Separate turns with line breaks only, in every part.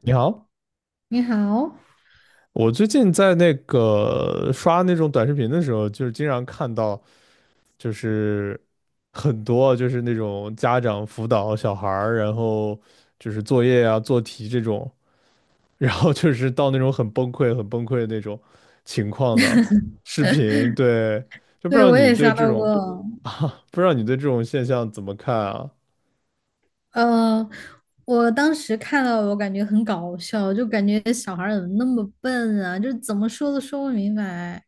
你好。
你好，
我最近在那个刷那种短视频的时候，就是经常看到，就是很多就是那种家长辅导小孩儿，然后就是作业啊、做题这种，然后就是到那种很崩溃、很崩溃的那种情况的视频。对，就不知
对，
道
我
你
也
对
刷
这
到
种，
过。
不知道你对这种现象怎么看啊？
呃，我当时看到，我感觉很搞笑，就感觉小孩儿怎么那么笨啊，就是怎么说都说不明白。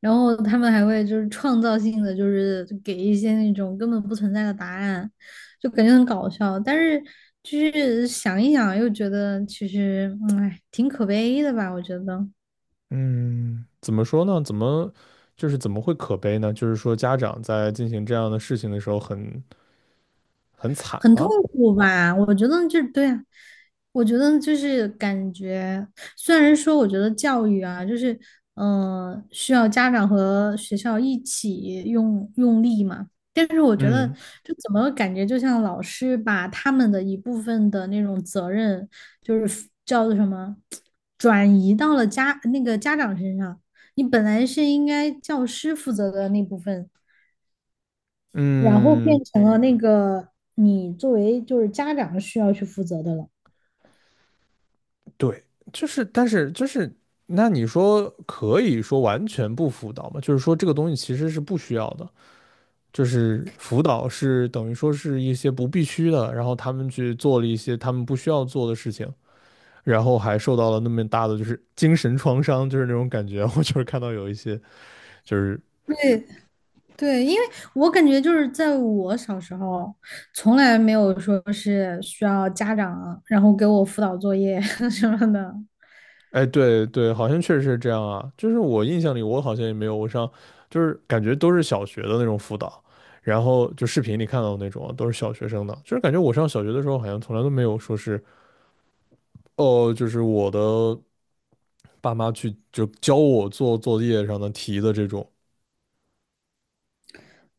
然后他们还会就是创造性的，就是给一些那种根本不存在的答案，就感觉很搞笑。但是就是想一想，又觉得其实，挺可悲的吧？我觉得。
嗯，怎么说呢？就是怎么会可悲呢？就是说家长在进行这样的事情的时候很惨
很痛
吗？
苦吧？我觉得就是对啊，我觉得就是感觉，虽然说我觉得教育啊，就是需要家长和学校一起用用力嘛，但是我觉得
嗯
就怎么感觉就像老师把他们的一部分的那种责任，就是叫做什么，转移到了那个家长身上。你本来是应该教师负责的那部分，然后
嗯，
变成了那个你作为就是家长需要去负责的了。
对，就是，但是就是，那你说可以说完全不辅导吗？就是说这个东西其实是不需要的，就是辅导是等于说是一些不必须的，然后他们去做了一些他们不需要做的事情，然后还受到了那么大的就是精神创伤，就是那种感觉。我就是看到有一些就是
对对，因为我感觉就是在我小时候，从来没有说是需要家长然后给我辅导作业 什么的。
哎，对对，好像确实是这样啊。就是我印象里，我好像也没有，我上就是感觉都是小学的那种辅导，然后就视频里看到的那种啊，都是小学生的。就是感觉我上小学的时候，好像从来都没有说是哦，就是我的爸妈去就教我做作业上的题的这种。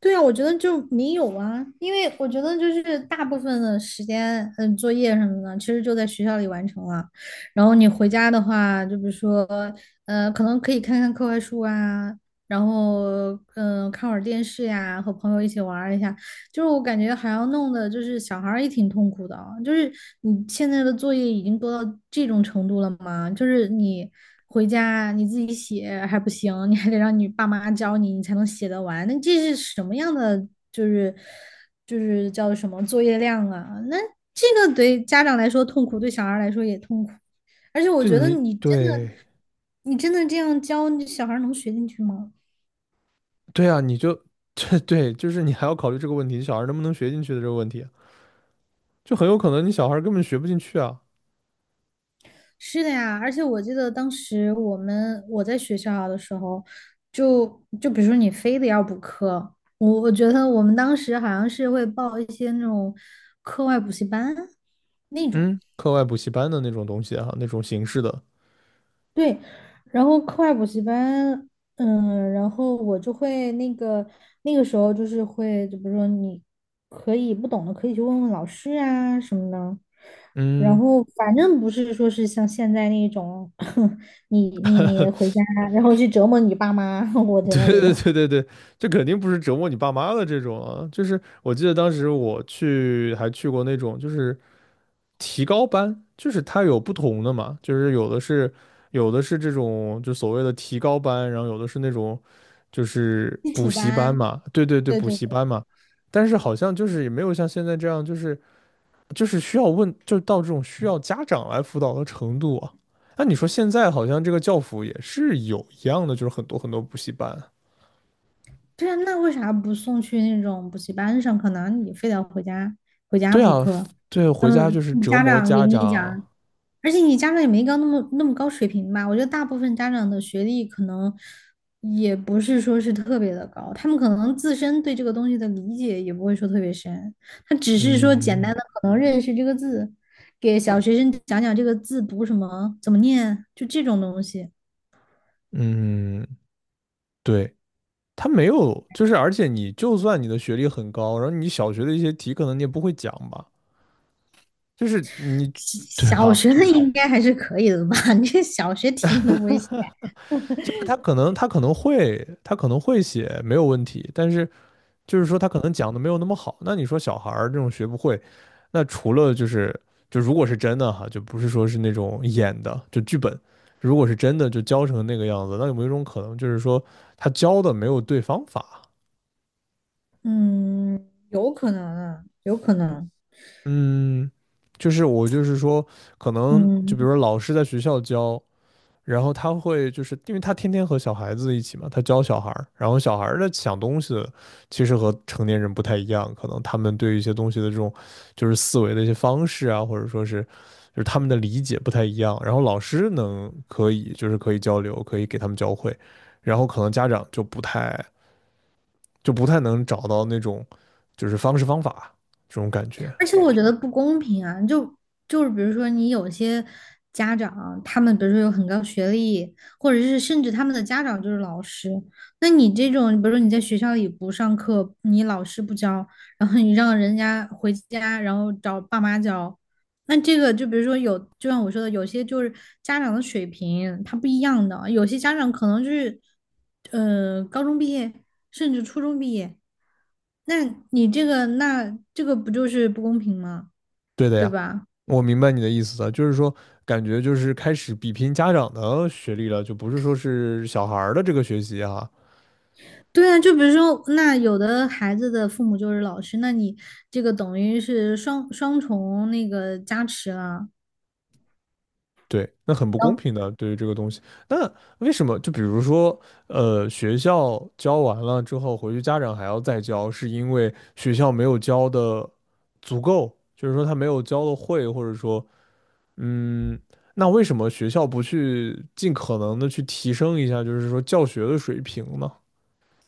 对啊，我觉得就没有啊，因为我觉得就是大部分的时间，嗯，作业什么的，其实就在学校里完成了。然后你回家的话，就比如说，可能可以看看课外书啊，然后，看会儿电视呀，和朋友一起玩儿一下。就是我感觉还要弄的，就是小孩儿也挺痛苦的啊，就是你现在的作业已经多到这种程度了吗？就是你回家你自己写还不行，你还得让你爸妈教你，你才能写得完。那这是什么样的？就是就是叫什么作业量啊？那这个对家长来说痛苦，对小孩儿来说也痛苦。而且我
就
觉得
你
你真的，
对
你真的这样教，你小孩儿能学进去吗？
对啊，你就 对对，就是你还要考虑这个问题，小孩能不能学进去的这个问题啊，就很有可能你小孩根本学不进去啊。
是的呀，而且我记得当时我在学校的时候，就就比如说你非得要补课，我觉得我们当时好像是会报一些那种课外补习班那种。
嗯，课外补习班的那种东西哈、啊，那种形式的，
对，然后课外补习班，嗯，然后我就会那个时候就是会，就比如说你可以不懂的可以去问问老师啊什么的，然
嗯。
后反正不是说是像现在那种，你回家 然后去折磨你爸妈，我觉得
对
没有。
对对对对，这肯定不是折磨你爸妈的这种啊，就是我记得当时我去还去过那种就是提高班，就是它有不同的嘛，就是有的是这种就所谓的提高班，然后有的是那种就是
基
补
础
习班
班。
嘛，对对对，
对
补
对
习
对
班嘛，但是好像就是也没有像现在这样，就是需要问，就到这种需要家长来辅导的程度啊。那你说现在好像这个教辅也是有一样的，就是很多很多补习班啊。
对啊，那为啥不送去那种补习班上课呢？你非得回家
对
补
啊，
课，
对，回
然后
家就是折
家
磨
长给
家
你
长。
讲。而且你家长也没高那么高水平吧？我觉得大部分家长的学历可能也不是说是特别的高，他们可能自身对这个东西的理解也不会说特别深，他只是说简
嗯
单的可能认识这个字，给小学生讲讲这个字读什么，怎么念，就这种东西。
嗯，对，他没有，就是而且你就算你的学历很高，然后你小学的一些题可能你也不会讲吧，就是你，对
小
吧？
学的应该还是可以的吧？你这小学题你都不会写？
就是他可能会写没有问题，但是就是说他可能讲的没有那么好。那你说小孩儿这种学不会，那除了就是就如果是真的哈，就不是说是那种演的，就剧本，如果是真的就教成那个样子，那有没有一种可能就是说他教的没有对方法？
嗯，有可能啊，有可能。
嗯，就是我就是说，可能就比如
嗯。
说老师在学校教，然后他会就是因为他天天和小孩子一起嘛，他教小孩儿，然后小孩儿的想东西其实和成年人不太一样，可能他们对一些东西的这种就是思维的一些方式啊，或者说是就是他们的理解不太一样。然后老师可以就是可以交流，可以给他们教会，然后可能家长就不太能找到那种就是方式方法这种感觉。
而且我觉得不公平啊，就就是比如说你有些家长，他们比如说有很高学历，或者是甚至他们的家长就是老师，那你这种，比如说你在学校里不上课，你老师不教，然后你让人家回家，然后找爸妈教，那这个就比如说有，就像我说的，有些就是家长的水平他不一样的，有些家长可能就是高中毕业，甚至初中毕业。那你这个，那这个不就是不公平吗？
对的
对
呀。
吧？
我明白你的意思了，就是说，感觉就是开始比拼家长的学历了，就不是说是小孩儿的这个学习哈。
对啊，就比如说，那有的孩子的父母就是老师，那你这个等于是双重那个加持了，
对，那很不
然
公
后
平的，对于这个东西。那为什么？就比如说，学校教完了之后，回去家长还要再教，是因为学校没有教的足够，就是说他没有教的会，或者说，嗯，那为什么学校不去尽可能的去提升一下，就是说教学的水平呢？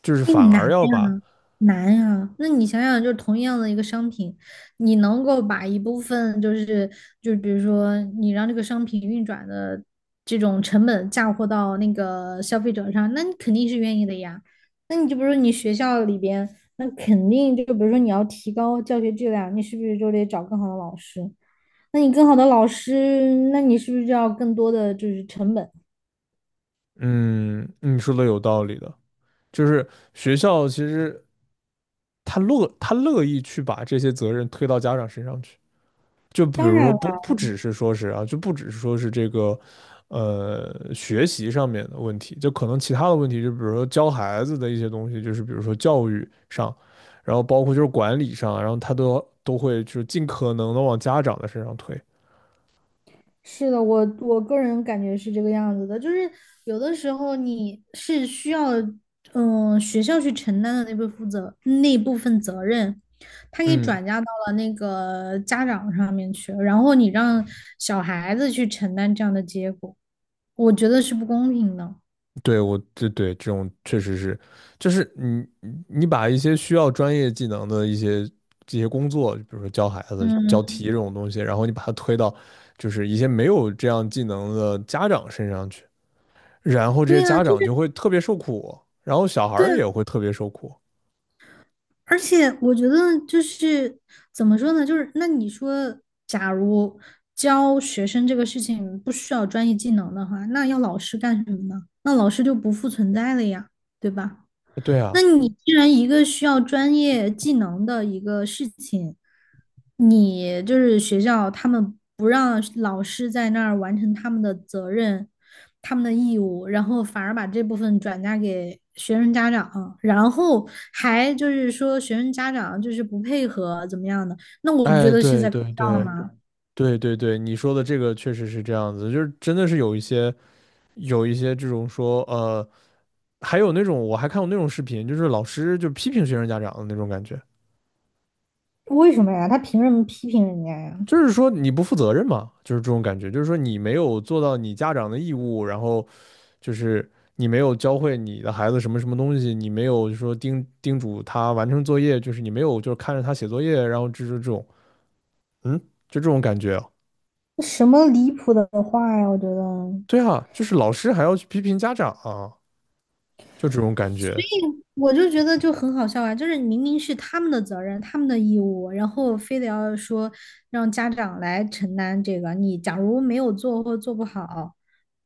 就是反
更
而
难
要把
难呀。那你想想，就是同样的一个商品，你能够把一部分就是就比如说你让这个商品运转的这种成本嫁祸到那个消费者上，那你肯定是愿意的呀。那你就比如说你学校里边，那肯定就比如说你要提高教学质量，你是不是就得找更好的老师？那你更好的老师，那你是不是就要更多的就是成本？
嗯，你说的有道理的，就是学校其实他乐意去把这些责任推到家长身上去，就比
当
如说
然了，
不只是说是啊，就不只是说是这个学习上面的问题，就可能其他的问题，就比如说教孩子的一些东西，就是比如说教育上，然后包括就是管理上，然后他都会就是尽可能的往家长的身上推。
是的，我个人感觉是这个样子的，就是有的时候你是需要，学校去承担的那部分责任，他给
嗯。
转嫁到了那个家长上面去，然后你让小孩子去承担这样的结果，我觉得是不公平的。
对，我这对这种确实是，就是你把一些需要专业技能的一些这些工作，比如说教孩子、教
嗯，
题这种东西，然后你把它推到就是一些没有这样技能的家长身上去，然后这
对
些
呀，
家
就
长就
是
会特别受苦，然后小孩
对
儿
呀，
也会特别受苦。
而且我觉得就是怎么说呢，就是那你说，假如教学生这个事情不需要专业技能的话，那要老师干什么呢？那老师就不复存在了呀，对吧？
对啊，
那你既然一个需要专业技能的一个事情，你就是学校他们不让老师在那儿完成他们的责任、他们的义务，然后反而把这部分转嫁给学生家长，然后还就是说学生家长就是不配合怎么样的，那我不觉
哎，
得是
对
在搞
对
笑
对
吗？
对对对，你说的这个确实是这样子，就是真的是有一些这种说还有那种我还看过那种视频，就是老师就批评学生家长的那种感觉，
为什么呀？他凭什么批评人家呀？
就是说你不负责任嘛，就是这种感觉，就是说你没有做到你家长的义务，然后就是你没有教会你的孩子什么什么东西，你没有说叮嘱他完成作业，就是你没有就是看着他写作业，然后就是这种，嗯，就这种感觉啊
什么离谱的话呀？我觉得。
对啊，就是老师还要去批评家长啊，就这种感
所
觉，
以我就觉得就很好笑啊，就是明明是他们的责任、他们的义务，然后非得要说让家长来承担这个。你假如没有做或做不好，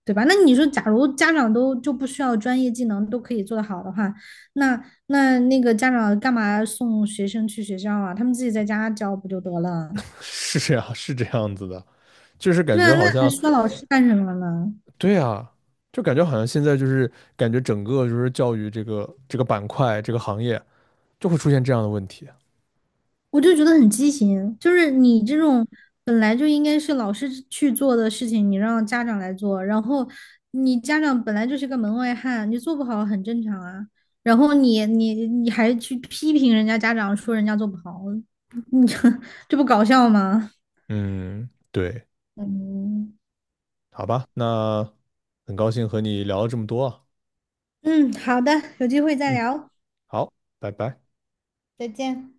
对吧？那你说，假如家长都就不需要专业技能都可以做得好的话，那那个家长干嘛送学生去学校啊？他们自己在家教不就得了？
是这样，是这样子的，就是感
对啊，
觉
那
好
还
像
需要老师干什么呢？
对啊，就感觉好像现在就是感觉整个就是教育这个板块这个行业就会出现这样的问题。
我就觉得很畸形，就是你这种本来就应该是老师去做的事情，你让家长来做，然后你家长本来就是个门外汉，你做不好很正常啊。然后你还去批评人家家长，说人家做不好，这不搞笑吗？
嗯，对，
嗯，
好吧，那很高兴和你聊了这么多啊。
嗯，好的，有机会再
嗯，
聊，
好，拜拜。
再见。